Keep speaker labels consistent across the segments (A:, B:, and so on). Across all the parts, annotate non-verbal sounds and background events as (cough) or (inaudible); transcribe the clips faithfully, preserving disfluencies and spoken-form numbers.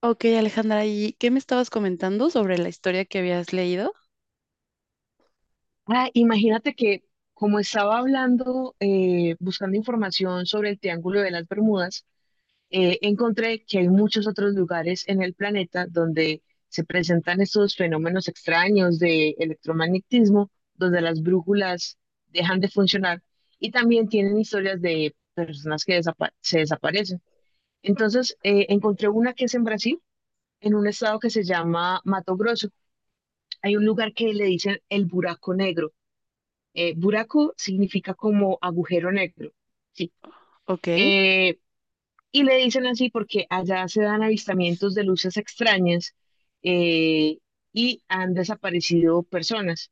A: Ok, Alejandra, ¿y qué me estabas comentando sobre la historia que habías leído?
B: Ah, imagínate que como estaba hablando, eh, buscando información sobre el Triángulo de las Bermudas, eh, encontré que hay muchos otros lugares en el planeta donde se presentan estos fenómenos extraños de electromagnetismo, donde las brújulas dejan de funcionar y también tienen historias de personas que desapa- se desaparecen. Entonces, eh, encontré una que es en Brasil, en un estado que se llama Mato Grosso. Hay un lugar que le dicen el Buraco Negro, eh, buraco significa como agujero negro, ¿sí?
A: Ok,
B: Eh, y le dicen así porque allá se dan avistamientos de luces extrañas, eh, y han desaparecido personas.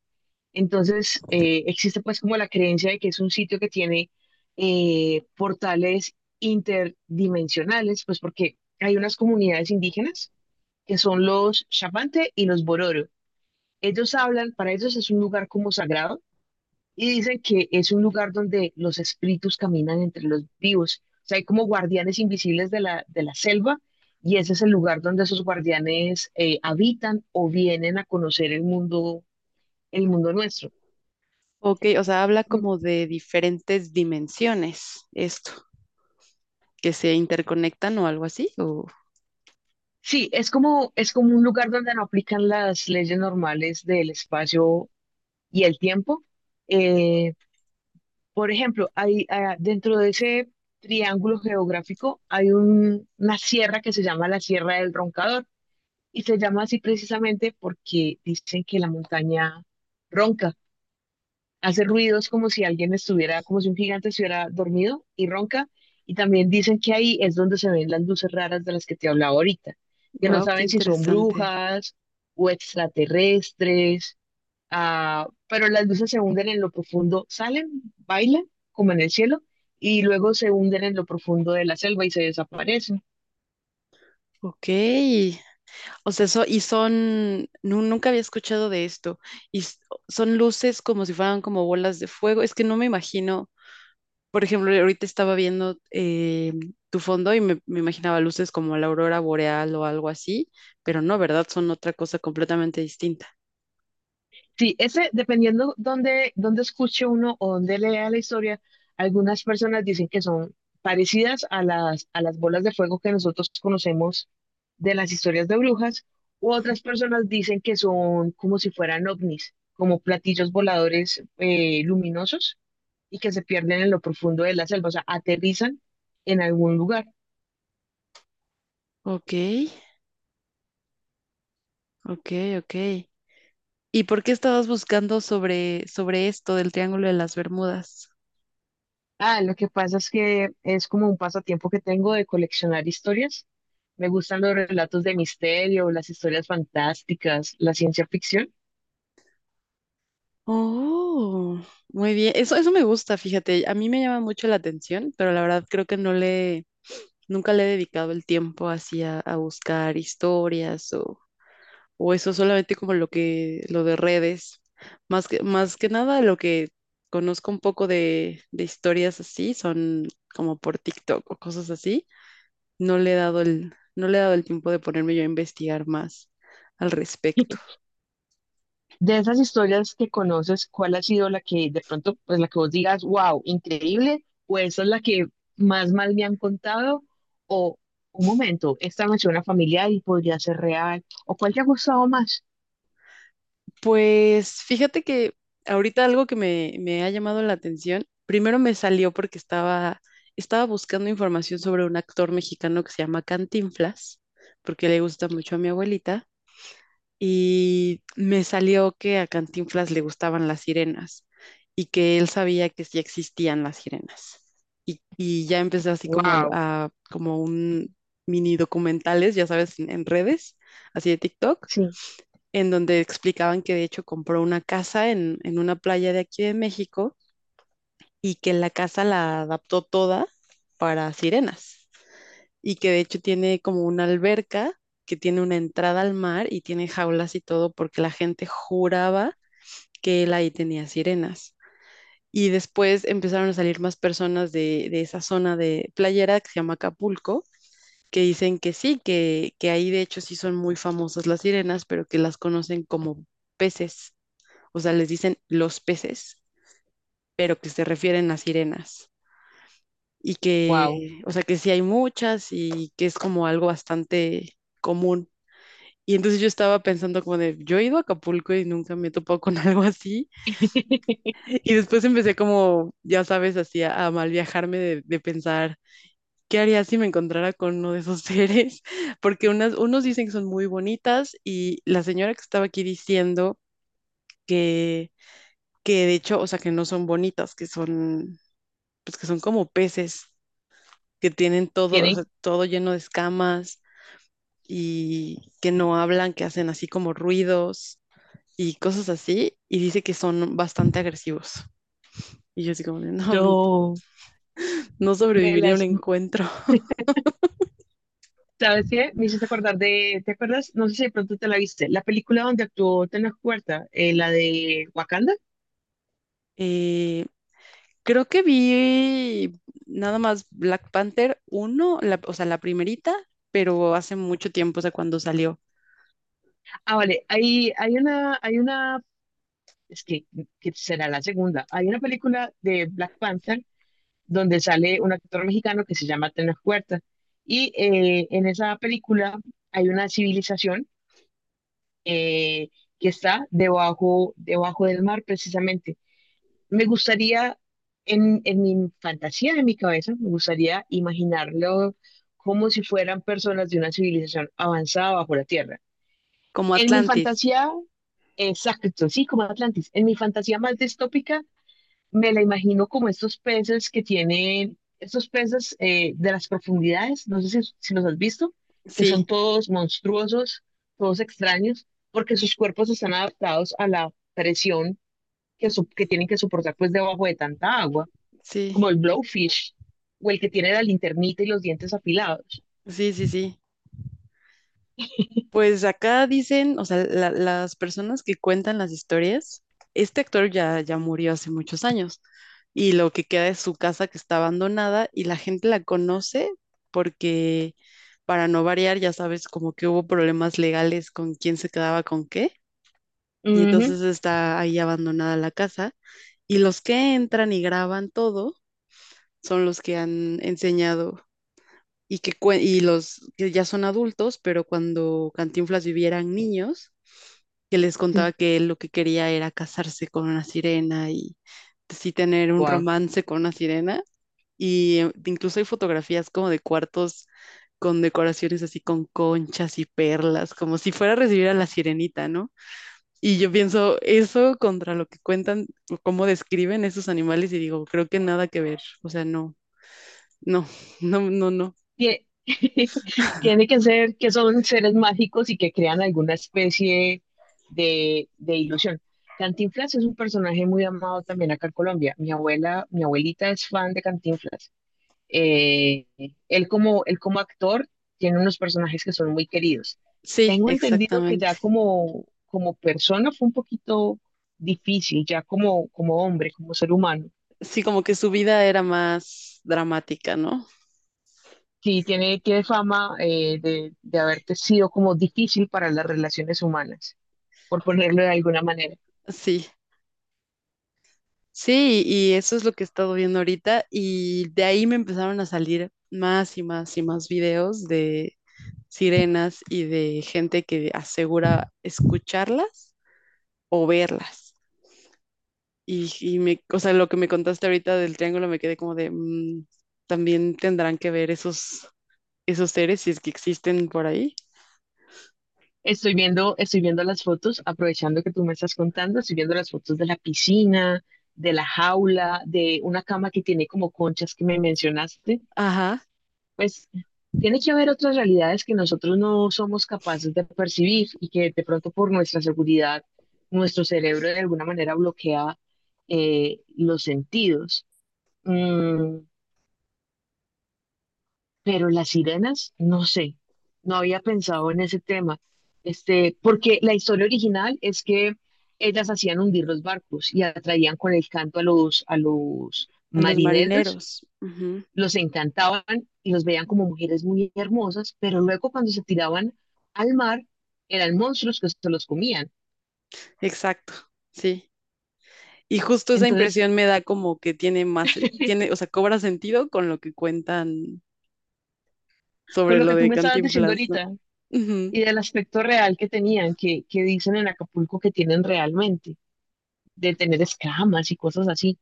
B: Entonces, eh, existe pues como la creencia de que es un sitio que tiene eh, portales interdimensionales, pues porque hay unas comunidades indígenas que son los Chapante y los Bororo. Ellos hablan, para ellos es un lugar como sagrado y dicen que es un lugar donde los espíritus caminan entre los vivos. O sea, hay como guardianes invisibles de la, de la selva y ese es el lugar donde esos guardianes eh, habitan o vienen a conocer el mundo, el mundo nuestro.
A: ok, o sea, habla
B: Mm,
A: como de diferentes dimensiones, esto, que se interconectan o algo así. O,
B: sí, es como, es como un lugar donde no aplican las leyes normales del espacio y el tiempo. Eh, por ejemplo, hay, ah, dentro de ese triángulo geográfico hay un- una sierra que se llama la Sierra del Roncador. Y se llama así precisamente porque dicen que la montaña ronca, hace ruidos como si alguien estuviera, como si un gigante estuviera dormido y ronca. Y también dicen que ahí es donde se ven las luces raras de las que te hablaba ahorita, que no
A: wow, qué
B: saben si son
A: interesante.
B: brujas o extraterrestres, ah, pero las luces se hunden en lo profundo, salen, bailan como en el cielo y luego se hunden en lo profundo de la selva y se desaparecen.
A: Ok, o sea, so- y son, nu- nunca había escuchado de esto, y s- son luces como si fueran como bolas de fuego, es que no me imagino. Por ejemplo, ahorita estaba viendo eh, tu fondo y me, me imaginaba luces como la aurora boreal o algo así, pero no, ¿verdad? Son otra cosa completamente distinta.
B: Sí, ese, dependiendo dónde, dónde escuche uno o dónde lea la historia, algunas personas dicen que son parecidas a las, a las bolas de fuego que nosotros conocemos de las historias de brujas, u otras personas dicen que son como si fueran ovnis, como platillos voladores, eh, luminosos y que se pierden en lo profundo de la selva, o sea, aterrizan en algún lugar.
A: Ok, ok, ok. ¿Y por qué estabas buscando sobre, sobre esto del Triángulo de las Bermudas?
B: Ah, lo que pasa es que es como un pasatiempo que tengo de coleccionar historias. Me gustan los relatos de misterio, las historias fantásticas, la ciencia ficción.
A: Oh, muy bien. Eso, eso me gusta, fíjate. A mí me llama mucho la atención, pero la verdad creo que no le, nunca le he dedicado el tiempo así a, a buscar historias o eso solamente como lo que, lo de redes. Más que, más que nada lo que conozco un poco de, de historias así son como por TikTok o cosas así. No le he dado el, no le he dado el tiempo de ponerme yo a investigar más al respecto.
B: De esas historias que conoces, ¿cuál ha sido la que de pronto, pues la que vos digas, wow, increíble, o esa es la que más mal me han contado, o un momento, esta me suena familiar y podría ser real, o cuál te ha gustado más?
A: Pues fíjate que ahorita algo que me, me ha llamado la atención, primero me salió porque estaba, estaba buscando información sobre un actor mexicano que se llama Cantinflas, porque le gusta mucho a mi abuelita. Y me salió que a Cantinflas le gustaban las sirenas y que él sabía que sí existían las sirenas. Y, y ya empecé así como
B: Wow,
A: a, a- como un mini documentales, ya sabes, en, en redes, así de TikTok,
B: sí,
A: en donde explicaban que de hecho compró una casa en, en una playa de aquí de México y que la casa la adaptó toda para sirenas y que de hecho tiene como una alberca que tiene una entrada al mar y tiene jaulas y todo porque la gente juraba que él ahí tenía sirenas. Y después empezaron a salir más personas de, de esa zona de playera que se llama Acapulco, que dicen que sí, que, que ahí de hecho sí son muy famosas las sirenas, pero que las conocen como peces. O sea, les dicen los peces, pero que se refieren a sirenas. Y
B: wow.
A: que, o sea, que sí hay muchas y que es como algo bastante común. Y entonces yo estaba pensando como de, yo he ido a Acapulco y nunca me he topado con (laughs) algo así.
B: (laughs)
A: Y después empecé como, ya sabes, así a, a mal viajarme de, de pensar, ¿qué haría si me encontrara con uno de esos seres? (laughs) Porque unas, unos dicen que son muy bonitas y la señora que estaba aquí diciendo que, que de hecho, o sea, que no son bonitas, que son, pues que son como peces, que tienen todo, o
B: Tienen,
A: sea, todo lleno de escamas y que no hablan, que hacen así como ruidos y cosas así, y dice que son bastante agresivos. Y yo así como, de, (laughs) no,
B: yo
A: no
B: me
A: sobreviviría a un
B: las
A: encuentro. (laughs)
B: ¿sabes qué? Me hiciste acordar de, ¿te acuerdas? No sé si de pronto te la viste, la película donde actuó Tenoch Huerta, eh, la de Wakanda.
A: Eh, creo que vi nada más Black Panther uno la- o sea, la primerita, pero hace mucho tiempo, o sea, cuando salió,
B: Ah, vale, hay, hay una, hay una, es que, que será la segunda, hay una película de Black Panther donde sale un actor mexicano que se llama Tenoch Huerta. Y eh, en esa película hay una civilización eh, que está debajo, debajo del mar precisamente. Me gustaría, en, en mi fantasía, en mi cabeza, me gustaría imaginarlo como si fueran personas de una civilización avanzada bajo la Tierra.
A: como
B: En mi
A: Atlantis.
B: fantasía, exacto, sí, como Atlantis. En mi fantasía más distópica, me la imagino como estos peces que tienen, estos peces, eh, de las profundidades, no sé si, si los has visto, que
A: Sí,
B: son todos monstruosos, todos extraños, porque sus cuerpos están adaptados a la presión que, su- que tienen que soportar pues debajo de tanta agua,
A: sí,
B: como el blowfish o el que tiene la linternita y los dientes afilados.
A: sí, sí, sí. Pues acá dicen, o sea, la- las personas que cuentan las historias, este actor ya, ya murió hace muchos años y lo que queda es su casa que está abandonada y la gente la conoce porque, para no variar, ya sabes, como que hubo problemas legales con quién se quedaba con qué y
B: Ujú,
A: entonces está ahí abandonada la casa y los que entran y graban todo son los que han enseñado y que cue- y los que ya son adultos, pero cuando Cantinflas vivieran niños, que les
B: sí,
A: contaba que él lo que quería era casarse con una sirena y sí tener un
B: wow.
A: romance con una sirena. Y eh, incluso hay fotografías como de cuartos con decoraciones así con conchas y perlas, como si fuera a recibir a la sirenita, ¿no? Y yo pienso eso contra lo que cuentan, o cómo describen esos animales y digo, creo que nada que ver, o sea, no, no, (laughs) no, no, no.
B: Tie- (laughs) Tiene que ser que son seres mágicos y que crean alguna especie de, de ilusión. Cantinflas es un personaje muy amado también acá en Colombia. Mi abuela, mi abuelita es fan de Cantinflas. Eh, Él como, él como actor tiene unos personajes que son muy queridos.
A: Sí,
B: Tengo entendido que
A: exactamente.
B: ya como, como persona fue un poquito difícil, ya como, como hombre, como ser humano.
A: Sí, como que su vida era más dramática, ¿no?
B: Sí, tiene, tiene fama, eh, de, de haberte sido como difícil para las relaciones humanas, por ponerlo de alguna manera.
A: Sí, sí, y eso es lo que he estado viendo ahorita y de ahí me empezaron a salir más y más y más videos de sirenas y de gente que asegura escucharlas o verlas. Y, y me, o sea, lo que me contaste ahorita del triángulo me quedé como de, mm, también tendrán que ver esos, esos seres si es que existen por ahí.
B: Estoy viendo, estoy viendo las fotos, aprovechando que tú me estás contando, estoy viendo las fotos de la piscina, de la jaula, de una cama que tiene como conchas que me mencionaste.
A: Ajá,
B: Pues tiene que haber otras realidades que nosotros no somos capaces de percibir y que de pronto por nuestra seguridad, nuestro cerebro de alguna manera bloquea, eh, los sentidos. Mm, pero las sirenas, no sé, no había pensado en ese tema. Este, porque la historia original es que ellas hacían hundir los barcos y atraían con el canto a los, a los
A: a los
B: marineros,
A: marineros. Ujú,
B: los encantaban y los veían como mujeres muy hermosas, pero luego cuando se tiraban al mar eran monstruos que se los comían.
A: exacto, sí. Y justo esa
B: Entonces,
A: impresión me da como que tiene más, sen- tiene, o
B: (laughs)
A: sea, cobra sentido con lo que cuentan
B: con
A: sobre
B: lo
A: lo
B: que tú
A: de
B: me estabas diciendo
A: Cantinflas, ¿no?
B: ahorita
A: Ujú.
B: y del aspecto real que tenían, que, que dicen en Acapulco que tienen realmente, de tener escamas y cosas así.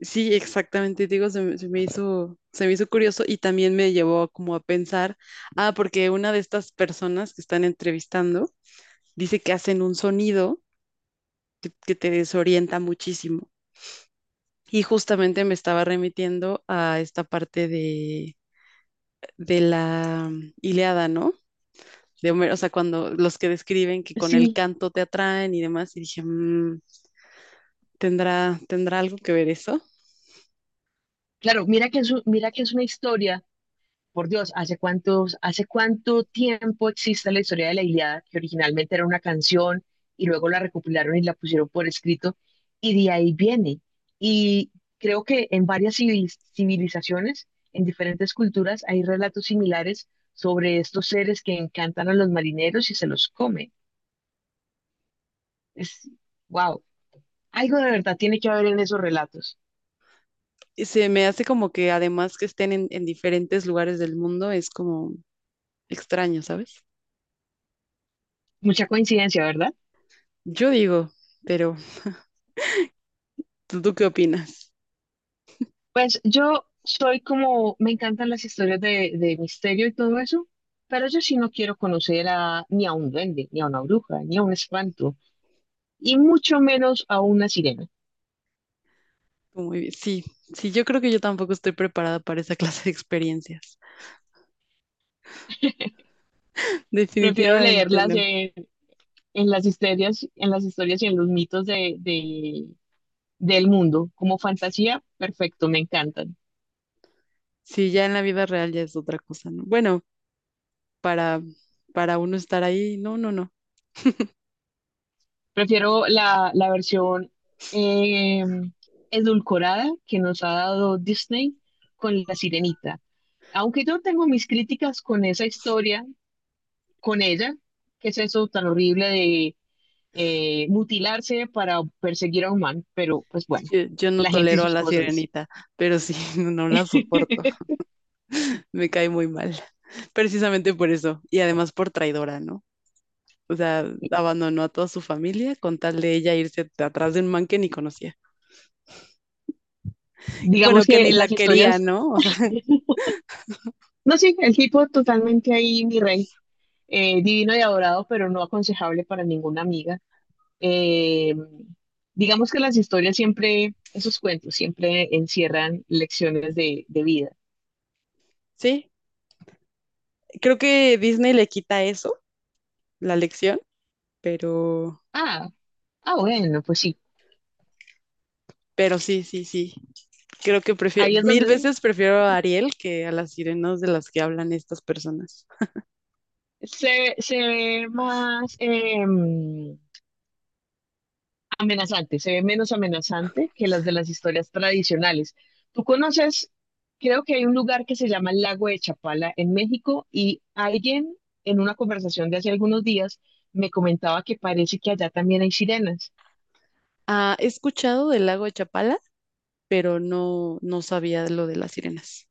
A: Sí, exactamente, digo, se, me se me hizo, se me hizo curioso y también me llevó como a pensar, ah, porque una de estas personas que están entrevistando dice que hacen un sonido que, que te desorienta muchísimo. Y justamente me estaba remitiendo a esta parte de, de la Ilíada, ¿no? De Homero, o sea, cuando los que describen que con el
B: Sí,
A: canto te atraen y demás, y dije, "Mm, ¿tendrá, tendrá algo que ver eso?"
B: claro, mira que es, un- mira que es una historia. Por Dios, ¿hace cuántos, hace cuánto tiempo existe la historia de la Ilíada, que originalmente era una canción y luego la recopilaron y la pusieron por escrito, y de ahí viene. Y creo que en varias civil- civilizaciones, en diferentes culturas, hay relatos similares sobre estos seres que encantan a los marineros y se los comen. Es, wow, algo de verdad tiene que haber en esos relatos.
A: Y se me hace como que además que estén en, en diferentes lugares del mundo es como extraño, ¿sabes?
B: Mucha coincidencia, ¿verdad?
A: Yo digo, pero ¿tú, tú qué opinas?
B: Pues yo soy como, me encantan las historias de, de misterio y todo eso, pero yo sí no quiero conocer a, ni a un duende, ni a una bruja, ni a un espanto, y mucho menos a una sirena.
A: Muy bien. Sí, sí, yo creo que yo tampoco estoy preparada para esa (laughs) clase de experiencias.
B: Prefiero
A: Definitivamente
B: leerlas
A: no.
B: en, en las historias, en las historias y en los mitos de, de- del mundo. Como fantasía, perfecto, me encantan.
A: Sí, ya en la vida real ya es otra cosa, ¿no? Bueno, para, para uno estar ahí, no, no, no.
B: Prefiero la, la versión, eh, edulcorada que nos ha dado Disney con La Sirenita. Aunque yo tengo mis críticas con esa historia, con ella, que es eso tan horrible de eh, mutilarse para perseguir a un man, pero pues bueno,
A: Yo, yo no
B: la gente y
A: tolero a
B: sus
A: la
B: cosas.
A: sirenita, pero sí, (laughs) no la soporto.
B: (laughs)
A: Me cae muy mal. Precisamente por eso. Y además por traidora, ¿no? O sea, abandonó a toda su familia con tal de ella irse atrás de un man que ni conocía. Bueno,
B: Digamos
A: que
B: que
A: ni la
B: las
A: quería,
B: historias,
A: ¿no? O sea, (laughs)
B: no sé, el tipo totalmente ahí, mi rey, eh, divino y adorado, pero no aconsejable para ninguna amiga. Eh, digamos que las historias siempre, esos cuentos siempre encierran lecciones de, de vida.
A: sí. Creo que Disney le quita eso, la lección, pero,
B: Ah, ah, bueno, pues sí.
A: pero sí, sí, sí. Creo que prefiero,
B: Ahí es
A: mil
B: donde
A: veces prefiero a Ariel que a las sirenas de las que hablan estas personas.
B: se, se ve más, eh, amenazante, se ve menos amenazante que las de las historias tradicionales. Tú conoces, creo que hay un lugar que se llama el Lago de Chapala en México y alguien en una conversación de hace algunos días me comentaba que parece que allá también hay sirenas.
A: Ah, he escuchado del lago de Chapala, pero no, no sabía lo de las sirenas.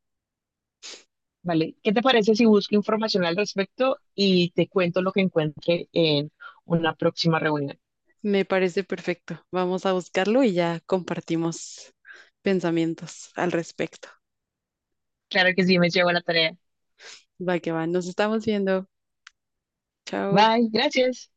B: Vale, ¿qué te parece si busco información al respecto y te cuento lo que encuentre en una próxima reunión?
A: Me parece perfecto. Vamos a buscarlo y ya compartimos pensamientos al respecto.
B: Claro que sí, me llevo la tarea.
A: Va que va, nos estamos viendo. Chao.
B: Bye, gracias.